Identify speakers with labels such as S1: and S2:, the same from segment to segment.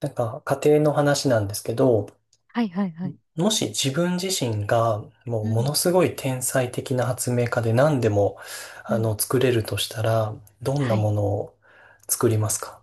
S1: なんか家庭の話なんですけど、
S2: はいはいはい。
S1: もし自分自身がも
S2: う
S1: うもの
S2: ん。
S1: すごい天才的な発明家で何でも
S2: うん。
S1: 作れるとしたら、どんな
S2: は
S1: も
S2: い。
S1: のを作りますか？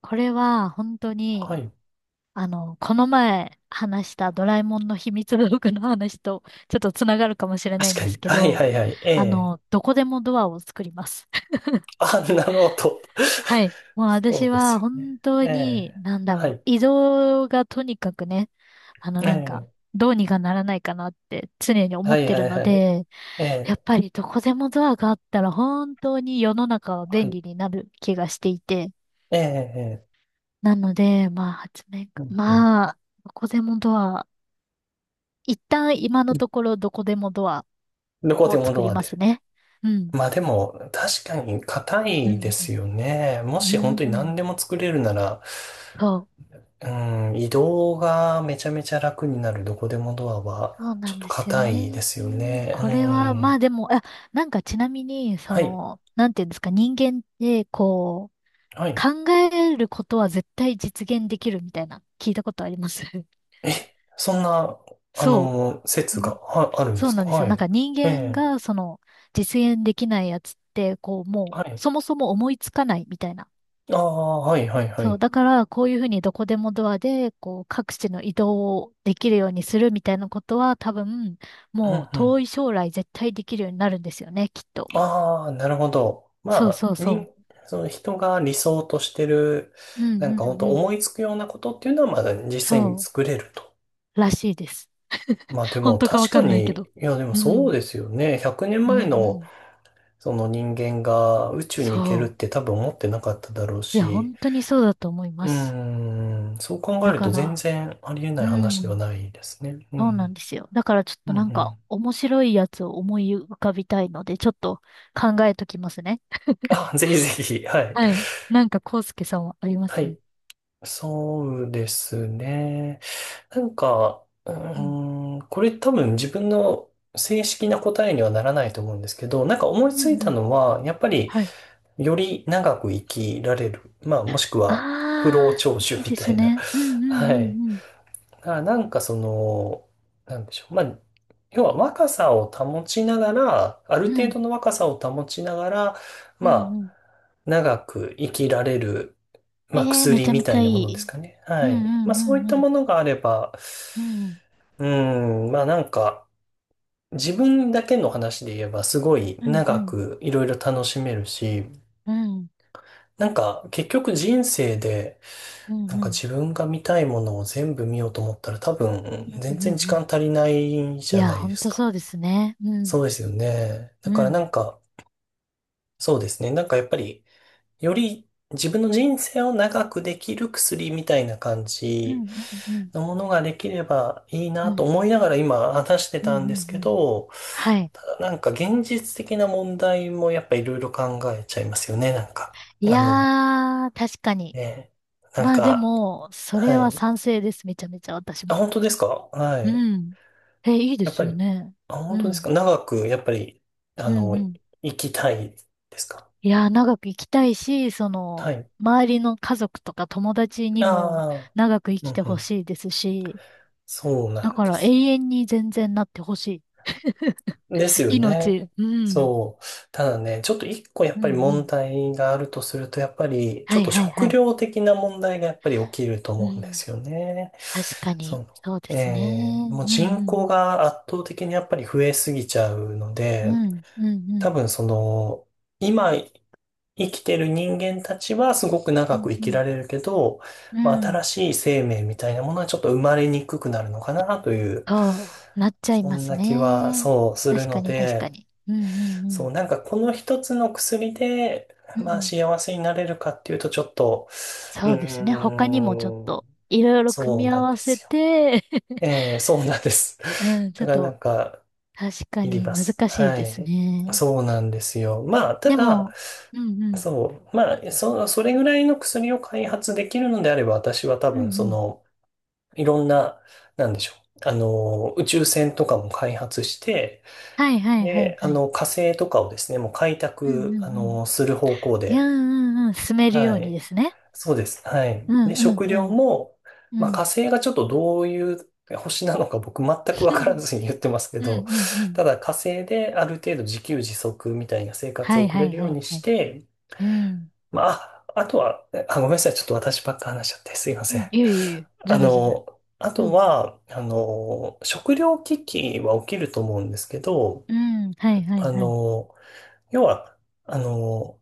S2: これは本当
S1: は
S2: に、
S1: い。
S2: この前話したドラえもんの秘密道具の話とちょっとつながるかもしれな
S1: 確
S2: いん
S1: か
S2: です
S1: に。
S2: け
S1: はい
S2: ど、
S1: はいはい。ええ。
S2: どこでもドアを作ります。
S1: あ、なるほど。
S2: はい。も う
S1: そう
S2: 私
S1: です
S2: は
S1: よね。
S2: 本当
S1: え
S2: に、
S1: え。はい。
S2: 移動がとにかくね、あの
S1: え
S2: なんか、
S1: え。
S2: どうにかならないかなって常に思
S1: は
S2: っ
S1: い
S2: てる
S1: はい
S2: の
S1: はい。
S2: で、
S1: え
S2: やっ
S1: え。
S2: ぱりどこでもドアがあったら本当に世の中は
S1: は
S2: 便
S1: い。
S2: 利になる気がしていて、
S1: ええ。ええ。
S2: なので、まあ、発明家、
S1: うんう
S2: まあ、どこでもドア、一旦今のところどこでもドア
S1: ん。どこ
S2: を
S1: でも
S2: 作
S1: ド
S2: り
S1: ア
S2: ます
S1: で。
S2: ね。うん。
S1: まあでも、確かに硬
S2: う
S1: いで
S2: ん、
S1: すよね。も
S2: う
S1: し本
S2: ん、
S1: 当
S2: う
S1: に
S2: ん。
S1: 何でも作れるなら、
S2: そう。
S1: うん、移動がめちゃめちゃ楽になるどこでもドアは、
S2: そう
S1: ち
S2: な
S1: ょっ
S2: ん
S1: と
S2: ですよ
S1: 硬いで
S2: ね。
S1: すよ
S2: これは、ま
S1: ね。
S2: あ
S1: うん。
S2: でも、あ、なんかちなみに、そ
S1: はい。
S2: の、なんていうんですか、人間って、こ
S1: は
S2: う、
S1: い。
S2: 考えることは絶対実現できるみたいな、聞いたことあります？
S1: え、そんな、
S2: そう。
S1: は、あるんで
S2: そう
S1: す
S2: な
S1: か？
S2: んですよ。
S1: は
S2: なん
S1: い。
S2: か人
S1: え
S2: 間
S1: え。
S2: がその実現できないやつって、こうも
S1: は
S2: う
S1: い。
S2: そもそも思いつかないみたいな。
S1: ああ、はい、はい、は
S2: そう。
S1: い。
S2: だからこういうふうにどこでもドアでこう各地の移動をできるようにするみたいなことは多分
S1: う
S2: も
S1: ん、
S2: う
S1: う
S2: 遠
S1: ん。
S2: い将来絶対できるようになるんですよね、きっと。
S1: ああ、なるほど。
S2: そう
S1: ま
S2: そう
S1: あ、
S2: そ
S1: その人が理想としてる、
S2: う。う
S1: な
S2: ん
S1: ん
S2: う
S1: か
S2: んう
S1: 本当
S2: ん。
S1: 思いつくようなことっていうのは、まだ実際に
S2: そ
S1: 作れると。
S2: う。らしいです。
S1: まあで
S2: 本
S1: も
S2: 当かわ
S1: 確
S2: か
S1: か
S2: んないけ
S1: に、
S2: ど。
S1: いやでも
S2: う
S1: そう
S2: ん。
S1: ですよね。100年
S2: うん
S1: 前
S2: う
S1: の
S2: ん。
S1: その人間が宇宙に行けるっ
S2: そ
S1: て
S2: う。
S1: 多分思ってなかっただろう
S2: いや、
S1: し、
S2: 本当にそうだと思い
S1: う
S2: ま
S1: ー
S2: す。
S1: ん、そう考え
S2: だ
S1: る
S2: か
S1: と全
S2: ら、
S1: 然ありえな
S2: う
S1: い話では
S2: ん。
S1: ないですね。う
S2: そうな
S1: ん。
S2: んですよ。だからちょっ
S1: う
S2: と
S1: んう
S2: なんか
S1: ん。
S2: 面白いやつを思い浮かびたいので、ちょっと考えときますね。
S1: あ、ぜひぜひ。はい。
S2: はい。なんか、康介さんはありま
S1: は
S2: す？うん。
S1: い。そうですね。なんか、う
S2: うん
S1: ーん、これ多分自分の正式な答えにはならないと思うんですけど、なんか思い
S2: う
S1: ついた
S2: ん。
S1: のは、やっぱり
S2: はい。
S1: より長く生きられる。まあもしくは不老
S2: ああ、
S1: 長寿
S2: いい
S1: み
S2: で
S1: た
S2: す
S1: いな。
S2: ね。うん うん
S1: はい。
S2: うん
S1: だからなんかその、なんでしょう。まあ、要は若さを保ちながら、ある
S2: うん。う
S1: 程
S2: ん。
S1: 度の若さを保ちながら、
S2: う
S1: ま
S2: ん
S1: あ、
S2: うん。
S1: 長く生きられる、
S2: え
S1: まあ、
S2: えー、め
S1: 薬
S2: ちゃめ
S1: み
S2: ち
S1: たい
S2: ゃい
S1: なものです
S2: い。
S1: かね。
S2: う
S1: は
S2: ん
S1: い。ま
S2: う
S1: あ、
S2: んう
S1: そういっ
S2: んう
S1: たも
S2: ん。
S1: のがあれば、
S2: うん
S1: うん、まあなんか、自分だけの話で言えばすごい
S2: うん
S1: 長
S2: うん
S1: くいろいろ楽しめるし、
S2: うん。
S1: なんか結局人生で、
S2: うんうん
S1: なん
S2: う
S1: か
S2: ん
S1: 自分が見たいものを全部見ようと思ったら多分
S2: う
S1: 全
S2: ん
S1: 然時
S2: う
S1: 間
S2: ん。
S1: 足りない
S2: い
S1: じゃ
S2: や、
S1: ない
S2: ほ
S1: で
S2: ん
S1: す
S2: と
S1: か。
S2: そうですね。う
S1: そ
S2: ん。
S1: うですよね。だ
S2: う
S1: からな
S2: ん。
S1: んか、そうですね。なんかやっぱり、より自分の人生を長くできる薬みたいな感
S2: うん
S1: じ
S2: うんうん。
S1: のものができればいい
S2: う
S1: なと
S2: ん
S1: 思いながら今話して
S2: うんう
S1: たんです
S2: んう
S1: け
S2: ん。
S1: ど、
S2: はい。
S1: ただなんか現実的な問題もやっぱいろいろ考えちゃいますよね、なんか。
S2: いやー、確かに。
S1: ね、なん
S2: まあで
S1: か、
S2: も、それ
S1: は
S2: は
S1: い。
S2: 賛成です。めちゃめちゃ私
S1: あ、
S2: も。
S1: 本当ですか？は
S2: う
S1: い。
S2: ん。え、いいで
S1: やっ
S2: す
S1: ぱ
S2: よ
S1: り、
S2: ね。
S1: あ、
S2: う
S1: 本当です
S2: ん。
S1: か？長く、やっぱり、あ
S2: うん
S1: の、
S2: うん。
S1: 生きたいですか？
S2: いやー、長く生きたいし、その、
S1: はい。
S2: 周りの家族とか友達にも
S1: ああ、
S2: 長く生
S1: う
S2: き
S1: ん
S2: て
S1: う
S2: ほ
S1: ん。
S2: しいですし、
S1: そうな
S2: だ
S1: ん
S2: か
S1: で
S2: ら永
S1: すよ。
S2: 遠に全然なってほしい。
S1: ですよね。
S2: 命。うん。
S1: そう。ただね、ちょっと一個やっ
S2: うん
S1: ぱり
S2: う
S1: 問
S2: ん。
S1: 題があるとすると、やっぱりち
S2: は
S1: ょっ
S2: い
S1: と
S2: はいは
S1: 食
S2: い。
S1: 料的な問題がやっぱり起きると
S2: う
S1: 思うんで
S2: ん。
S1: すよね。
S2: 確か
S1: そ
S2: に。
S1: の、
S2: そうですね。う
S1: もう
S2: ん
S1: 人
S2: う
S1: 口
S2: ん
S1: が圧倒的にやっぱり増えすぎちゃうの
S2: う
S1: で、
S2: ん。うんうんう
S1: 多
S2: ん。
S1: 分その、今生きてる人間たちはすごく
S2: う
S1: 長
S2: ん
S1: く生
S2: う
S1: き
S2: ん。
S1: られるけど、
S2: う
S1: まあ、新
S2: ん、
S1: しい生命みたいなものはちょっと生まれにくくなるのかなという、
S2: そう、なっちゃい
S1: そ
S2: ま
S1: ん
S2: す
S1: な気は
S2: ね。
S1: そうする
S2: 確か
S1: の
S2: に確か
S1: で、
S2: に。うんうんう
S1: そ
S2: ん。
S1: う、なんかこの一つの薬で、
S2: う
S1: まあ
S2: ん。
S1: 幸せになれるかっていうとちょっと、う
S2: そうですね。他にもちょっ
S1: ーん、
S2: といろいろ組
S1: そう
S2: み
S1: な
S2: 合
S1: ん
S2: わ
S1: で
S2: せ
S1: すよ。
S2: て。
S1: ええ、そうなんです。
S2: うん、ちょ
S1: だ
S2: っ
S1: からなん
S2: と
S1: か、
S2: 確か
S1: いり
S2: に
S1: ま
S2: 難
S1: す。
S2: しい
S1: は
S2: です
S1: い。
S2: ね。
S1: そうなんですよ。まあ、た
S2: で
S1: だ、
S2: も、うんうん。
S1: そう、まあ、それぐらいの薬を開発できるのであれば、私は多
S2: うんう
S1: 分、そ
S2: ん。
S1: の、いろんな、なんでしょう。宇宙船とかも開発して、
S2: はいはいはい
S1: で、
S2: はい。
S1: 火星とかをですね、もう開
S2: うん
S1: 拓、
S2: うんうん。
S1: する方向
S2: いや、う
S1: で、
S2: んうんうん。進めるよ
S1: は
S2: うにで
S1: い。
S2: すね。
S1: そうです。は
S2: う
S1: い。
S2: ん
S1: で、
S2: うん
S1: 食
S2: う
S1: 料
S2: ん。
S1: も、
S2: う
S1: まあ、火
S2: ん。
S1: 星がちょっとどういう星なのか僕全くわから ずに言ってますけ
S2: うんう
S1: ど、
S2: んうん。
S1: ただ火星である程度自給自足みたいな生活
S2: は
S1: を
S2: い
S1: 送
S2: は
S1: れ
S2: い
S1: るよ
S2: は
S1: う
S2: い
S1: に
S2: は
S1: し
S2: い。
S1: て、
S2: うん。
S1: まあ、ああとは、あ、ごめんなさい。ちょっと私ばっか話しちゃってすいま
S2: う
S1: せん。
S2: ん。いえいえいえ。
S1: あ
S2: 全然全然。
S1: の、あ
S2: う
S1: と
S2: ん。
S1: は、食料危機は起きると思うんですけど、
S2: うん。はいはい
S1: あ
S2: はい。
S1: の、要は、あの、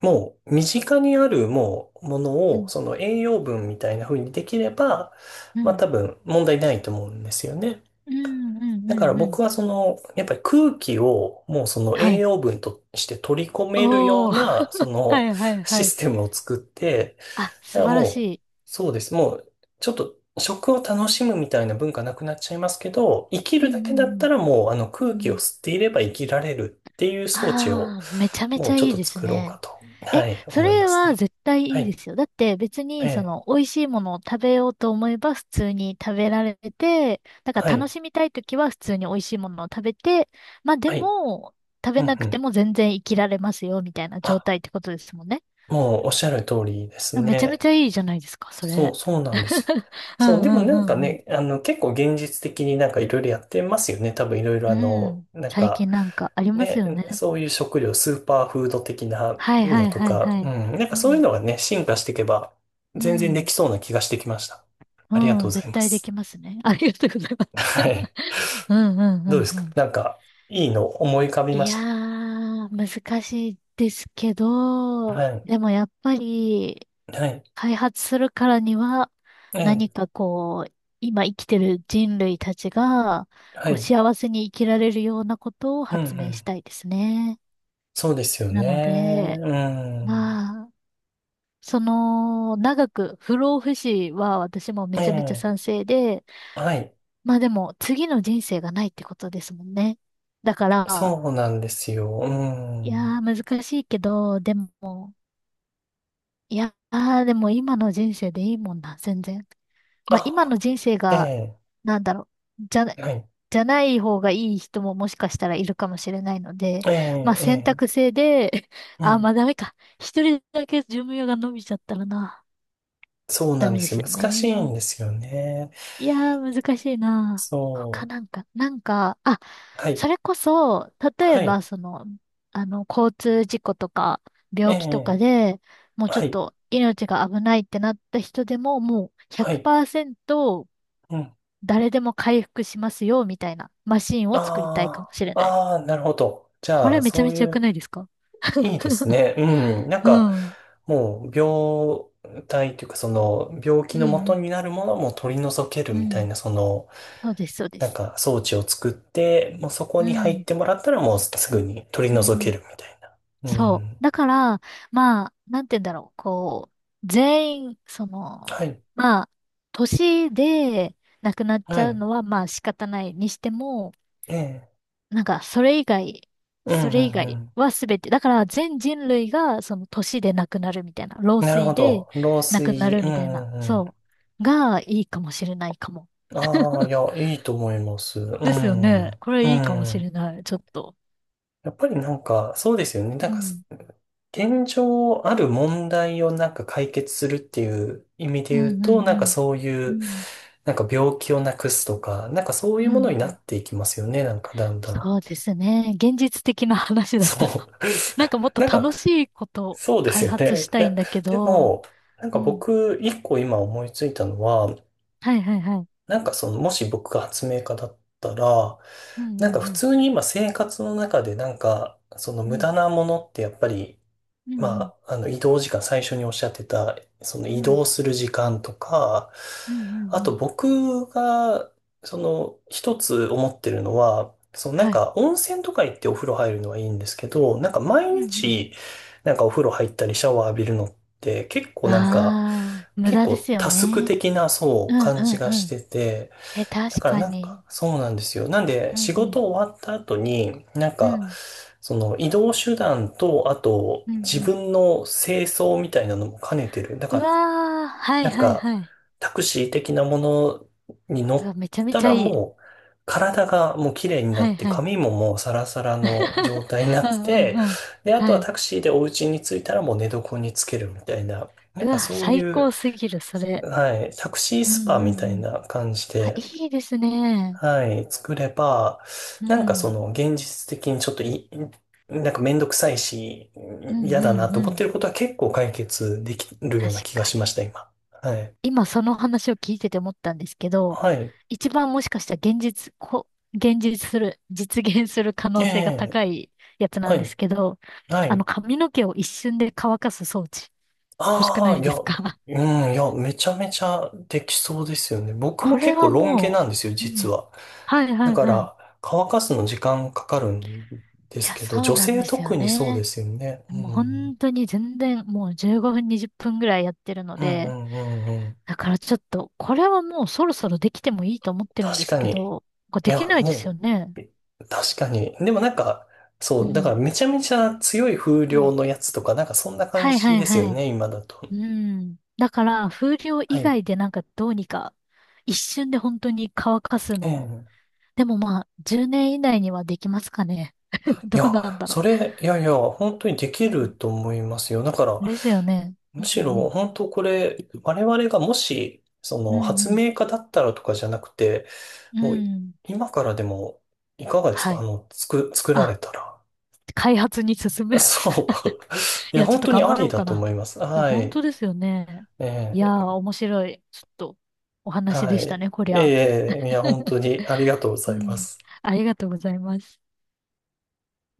S1: もう身近にあるもうも
S2: う
S1: のを
S2: ん、
S1: その栄養分みたいな風にできれば、
S2: う
S1: まあ
S2: ん、
S1: 多分問題ないと思うんですよね。
S2: うん、うん、
S1: だか
S2: う
S1: ら
S2: ん。うん、
S1: 僕はその、やっぱり空気をもうその
S2: は
S1: 栄
S2: い。
S1: 養分として取り込めるよう
S2: おー。
S1: な、そ
S2: は
S1: の
S2: いはい
S1: シ
S2: はい。
S1: ステムを作って、
S2: あ、
S1: だか
S2: 素
S1: ら
S2: 晴らし
S1: もう、
S2: い。
S1: そうです。もう、ちょっと食を楽しむみたいな文化なくなっちゃいますけど、生き
S2: う
S1: る
S2: ん、
S1: だけ
S2: う
S1: だった
S2: ん、
S1: らもう、
S2: うん。うん、
S1: 空気
S2: う
S1: を
S2: ん。
S1: 吸っていれば生きられるっていう装置を、
S2: あー、めちゃめ
S1: も
S2: ち
S1: う
S2: ゃ
S1: ちょっ
S2: いい
S1: と
S2: です
S1: 作ろうか
S2: ね。
S1: と、
S2: え、
S1: はい、
S2: そ
S1: 思いま
S2: れ
S1: す
S2: は
S1: ね。
S2: 絶対
S1: は
S2: いい
S1: い、
S2: ですよ。だって別
S1: え
S2: にそ
S1: え、
S2: の美味しいものを食べようと思えば普通に食べられて、だか
S1: は
S2: ら楽
S1: い、
S2: しみたいときは普通に美味しいものを食べて、まあで
S1: はい、
S2: も食
S1: う
S2: べ
S1: ん
S2: な
S1: う
S2: くて
S1: ん。
S2: も全然生きられますよみたいな状
S1: あ、
S2: 態ってことですもんね。
S1: もうおっしゃる通りです
S2: あ、めちゃめ
S1: ね。
S2: ちゃいいじゃないですか、そ
S1: そう、
S2: れ。
S1: そうなんですよ。
S2: う
S1: そう、
S2: ん
S1: で
S2: う
S1: もなんか
S2: んうん
S1: ね、結構現実的になんかいろいろやってますよね。多分いろいろ
S2: うん。うん。
S1: なん
S2: 最
S1: か、
S2: 近なんかあります
S1: ね、
S2: よね。
S1: そういう食料、スーパーフード的な
S2: はいは
S1: の
S2: い
S1: と
S2: はい
S1: か、
S2: は
S1: うん、
S2: い。
S1: なんか
S2: う
S1: そういう
S2: ん。
S1: のがね、進化していけば、
S2: う
S1: 全然でき
S2: ん。
S1: そうな気がしてきました。ありがと
S2: うん。
S1: うござ
S2: 絶
S1: いま
S2: 対で
S1: す。
S2: きますね。ありがとうございます。
S1: はい。
S2: うんうんう
S1: どうで
S2: ん
S1: す
S2: う
S1: か？
S2: ん。
S1: なんか、いいの思い浮かび
S2: い
S1: まし
S2: や
S1: た？
S2: ー、難しいですけ
S1: は
S2: ど、
S1: い。
S2: でもやっぱり、
S1: はい。
S2: 開発するからには、
S1: え
S2: 何
S1: え。
S2: かこう、今生きてる人類たちが、
S1: は
S2: こう、
S1: い。
S2: 幸せに生きられるようなことを
S1: うんう
S2: 発明
S1: ん。
S2: したいですね。
S1: そうですよ
S2: な
S1: ね。
S2: ので、
S1: うん。
S2: まあ、その、長く不老不死は私もめちゃめちゃ
S1: え
S2: 賛
S1: え。
S2: 成で、
S1: はい。
S2: まあでも、次の人生がないってことですもんね。だから、
S1: そうなんですよ。う
S2: いや
S1: ん。
S2: ー、難しいけど、でも、いやー、でも今の人生でいいもんな、全然。まあ今の
S1: あ、
S2: 人生
S1: え
S2: が、
S1: え、
S2: なんだろう、じゃな、
S1: はい。
S2: じゃない方がいい人ももしかしたらいるかもしれないので、
S1: え
S2: まあ
S1: え、え
S2: 選
S1: え、
S2: 択制で、
S1: う
S2: あー、
S1: ん。
S2: まあダメか。一人だけ寿命が伸びちゃったらな、
S1: そうな
S2: ダ
S1: んで
S2: メで
S1: す
S2: す
S1: よ。
S2: よ
S1: 難しいん
S2: ね。
S1: ですよね。
S2: いやー、難しいな。他
S1: そ
S2: なんか、なんか、あ、
S1: う。はい。
S2: それこそ、例え
S1: は
S2: ば、
S1: い。
S2: その、あの、交通事故とか、
S1: え
S2: 病気とか
S1: え、
S2: で、もうちょ
S1: は
S2: っ
S1: い。
S2: と命が危ないってなった人でも、もう
S1: はい。
S2: 100%
S1: うん。
S2: 誰でも回復しますよ、みたいなマシンを作りたいか
S1: あ
S2: もしれ
S1: あ、
S2: ない。
S1: ああ、なるほど。じ
S2: こ
S1: ゃあ、
S2: れめちゃ
S1: そう
S2: め
S1: い
S2: ちゃ良く
S1: う、
S2: ないですか？
S1: いいです ね。うん。なん
S2: う
S1: か、
S2: ん。うん、
S1: もう、病態というか、その、病気
S2: う
S1: の元
S2: ん。
S1: になるものも取り除ける
S2: う
S1: みた
S2: ん。
S1: いな、その、
S2: そうです、そうで
S1: なん
S2: す。
S1: か装置を作って、もうそこ
S2: う
S1: に入っ
S2: ん。
S1: てもらったらもうすぐに取り
S2: うん、う
S1: 除け
S2: ん。
S1: るみたいな。う
S2: そ
S1: ん。
S2: う。だから、まあ、なんて言うんだろう。こう、全員、そ
S1: は
S2: の、
S1: い。
S2: まあ、年で亡くなっち
S1: は
S2: ゃう
S1: い。
S2: のは、まあ仕方ないにしても、
S1: ええ。
S2: なんか、それ以外、
S1: う
S2: そ
S1: んう
S2: れ以
S1: ん
S2: 外
S1: う
S2: は全て、だから全人類が、その年で亡くなるみたいな、老
S1: ん。なるほ
S2: 衰で
S1: ど。漏
S2: 亡くな
S1: 水。
S2: る
S1: う
S2: みたいな、
S1: んうんう
S2: そう、がいいかもしれないかも。
S1: ん。ああ、い や、いいと思います。う
S2: ですよね。
S1: ん。
S2: こ
S1: う
S2: れいいかもし
S1: ん。
S2: れない。ちょっと。
S1: やっぱりなんか、そうですよね。なん
S2: う
S1: か、
S2: ん。
S1: 現状ある問題をなんか解決するっていう意味で
S2: う
S1: 言う
S2: んう
S1: と、
S2: ん
S1: なんかそうい
S2: うん。う
S1: う、
S2: ん。
S1: なんか病気をなくすとか、なんかそうい
S2: う
S1: うもの
S2: ん
S1: に
S2: う
S1: な
S2: ん、
S1: っていきますよね。なんかだんだん。
S2: そうですね。現実的な話だ
S1: そ
S2: と。
S1: う。
S2: なんかもっ と
S1: なんか、
S2: 楽しいことを
S1: そうです
S2: 開
S1: よ
S2: 発
S1: ね。
S2: した
S1: い
S2: い
S1: や、
S2: んだけ
S1: で
S2: ど、
S1: も、なん
S2: う
S1: か
S2: ん。
S1: 僕、一個今思いついたのは、
S2: はいはいはい。
S1: なんかその、もし僕が発明家だったら、
S2: うん
S1: な
S2: う
S1: んか
S2: ん
S1: 普
S2: うん。
S1: 通に今生活の中でなんか、その
S2: う
S1: 無
S2: ん
S1: 駄なものってやっぱり
S2: うん
S1: まあ、移動時間、最初におっしゃってた、その
S2: うん。う
S1: 移
S2: ん
S1: 動する時間とか、
S2: うんうん
S1: あ
S2: う
S1: と
S2: ん。
S1: 僕が、その一つ思ってるのは、そのなん
S2: はい。
S1: か温泉とか行ってお風呂入るのはいいんですけど、なんか毎
S2: うんうん。
S1: 日、なんかお風呂入ったりシャワー浴びるのって結構なんか、
S2: ああ、無
S1: 結
S2: 駄で
S1: 構
S2: すよ
S1: タスク
S2: ね。
S1: 的なそ
S2: う
S1: う
S2: んう
S1: 感じ
S2: ん
S1: が
S2: う
S1: し
S2: ん。
S1: てて、
S2: え、
S1: だ
S2: 確
S1: から
S2: か
S1: なん
S2: に。
S1: か、そうなんですよ。なんで、
S2: うん
S1: 仕
S2: うん。
S1: 事終わった後に、なん
S2: う
S1: か、
S2: ん。
S1: その移動手段と、あと、
S2: うんう
S1: 自
S2: ん。
S1: 分の清掃みたいなのも兼ねてる。だ
S2: う
S1: か
S2: わー、は
S1: ら、
S2: い
S1: なん
S2: はい
S1: か、
S2: はい。
S1: タクシー的なものに乗
S2: うわ、めちゃ
S1: っ
S2: め
S1: た
S2: ちゃ
S1: ら
S2: いい。
S1: もう、体がもう綺麗にな
S2: は
S1: っ
S2: い
S1: て、
S2: はい。
S1: 髪ももうサラサラの状 態にな
S2: う
S1: っ
S2: んう
S1: て、
S2: んうん。
S1: で、あと
S2: は
S1: は
S2: い。
S1: タクシーでお家に着いたらもう寝床につけるみたいな、な
S2: う
S1: んか
S2: わ、
S1: そう
S2: 最
S1: い
S2: 高
S1: う、
S2: すぎる、それ。
S1: はい、タクシー
S2: うん
S1: スパ
S2: う
S1: みた
S2: んう
S1: い
S2: ん。
S1: な感じ
S2: あ、
S1: で、
S2: いいですね。
S1: はい、作れば、
S2: う
S1: なんかそ
S2: ん。
S1: の現実的にちょっとい、なんかめんどくさいし、
S2: うん
S1: 嫌
S2: う
S1: だな
S2: ん
S1: と思
S2: う
S1: っ
S2: ん。
S1: てることは結構解決できるよう
S2: 確
S1: な気が
S2: か
S1: しまし
S2: に。
S1: た、今。はい。
S2: 今その話を聞いてて思ったんですけど、
S1: はい。
S2: 一番もしかしたら現実、こ、現実する、実現する可
S1: え
S2: 能性が
S1: え、
S2: 高いやつな
S1: は
S2: んです
S1: い。
S2: けど、
S1: は
S2: あの
S1: い。
S2: 髪の毛を一瞬で乾かす装置、欲しく
S1: あ
S2: な
S1: あ、
S2: い
S1: い
S2: で
S1: や、
S2: す
S1: う
S2: か？
S1: ん、いや、めちゃめちゃできそうですよね。僕
S2: こ
S1: も
S2: れ
S1: 結構
S2: は
S1: ロン毛
S2: も
S1: なんですよ、
S2: う、う
S1: 実
S2: ん。
S1: は。
S2: はいは
S1: だ
S2: い
S1: か
S2: はい。
S1: ら、乾かすの時間かかるんで
S2: い
S1: す
S2: や、
S1: けど、
S2: そう
S1: 女
S2: なん
S1: 性
S2: ですよ
S1: 特にそうで
S2: ね。
S1: すよね。う
S2: もう
S1: ん。
S2: 本当に全然もう15分20分ぐらいやってるの
S1: うんう
S2: で、
S1: んうんうん。
S2: だからちょっと、これはもうそろそろできてもいいと思ってるんで
S1: 確
S2: す
S1: か
S2: け
S1: に。
S2: ど、これ
S1: い
S2: でき
S1: や、
S2: ないですよ
S1: も
S2: ね。
S1: う、確かに。でもなんか、
S2: う
S1: そう、だか
S2: ん。
S1: らめちゃめちゃ強い風
S2: う
S1: 量
S2: ん。
S1: のやつとか、なんかそんな感
S2: はいは
S1: じ
S2: い
S1: ですよ
S2: はい。
S1: ね、今だと。
S2: うん。だから、風量
S1: は
S2: 以
S1: い。
S2: 外でなんかどうにか、一瞬で本当に乾かす
S1: え
S2: のを。
S1: え。
S2: でもまあ、10年以内にはできますかね。
S1: い
S2: ど
S1: や、
S2: うなんだろ
S1: それ、いやいや、本当にでき
S2: う。うん。
S1: ると思いますよ。だから、
S2: ですよね。う
S1: む
S2: んう
S1: しろ、
S2: ん。
S1: 本当これ、我々がもし、そ
S2: う
S1: の、
S2: んう
S1: 発
S2: ん。
S1: 明家だったらとかじゃなくて、
S2: う
S1: もう、
S2: ん。
S1: 今からでも、いかがです
S2: は
S1: か？
S2: い。
S1: 作、作られ
S2: あ、
S1: たら。
S2: 開発に進む。
S1: そう。い
S2: い
S1: や、
S2: や、ちょっ
S1: 本
S2: と
S1: 当に
S2: 頑
S1: あ
S2: 張
S1: り
S2: ろう
S1: だ
S2: か
S1: と
S2: な。
S1: 思います。
S2: いや
S1: は
S2: 本当
S1: い。
S2: ですよね。
S1: え
S2: いやー、
S1: え。
S2: 面白い。ちょっと、お話で
S1: は
S2: した
S1: い。
S2: ね、こりゃ。
S1: ええ、いや、本 当にありがとうご
S2: う
S1: ざいま
S2: ん。
S1: す。
S2: ありがとうございます。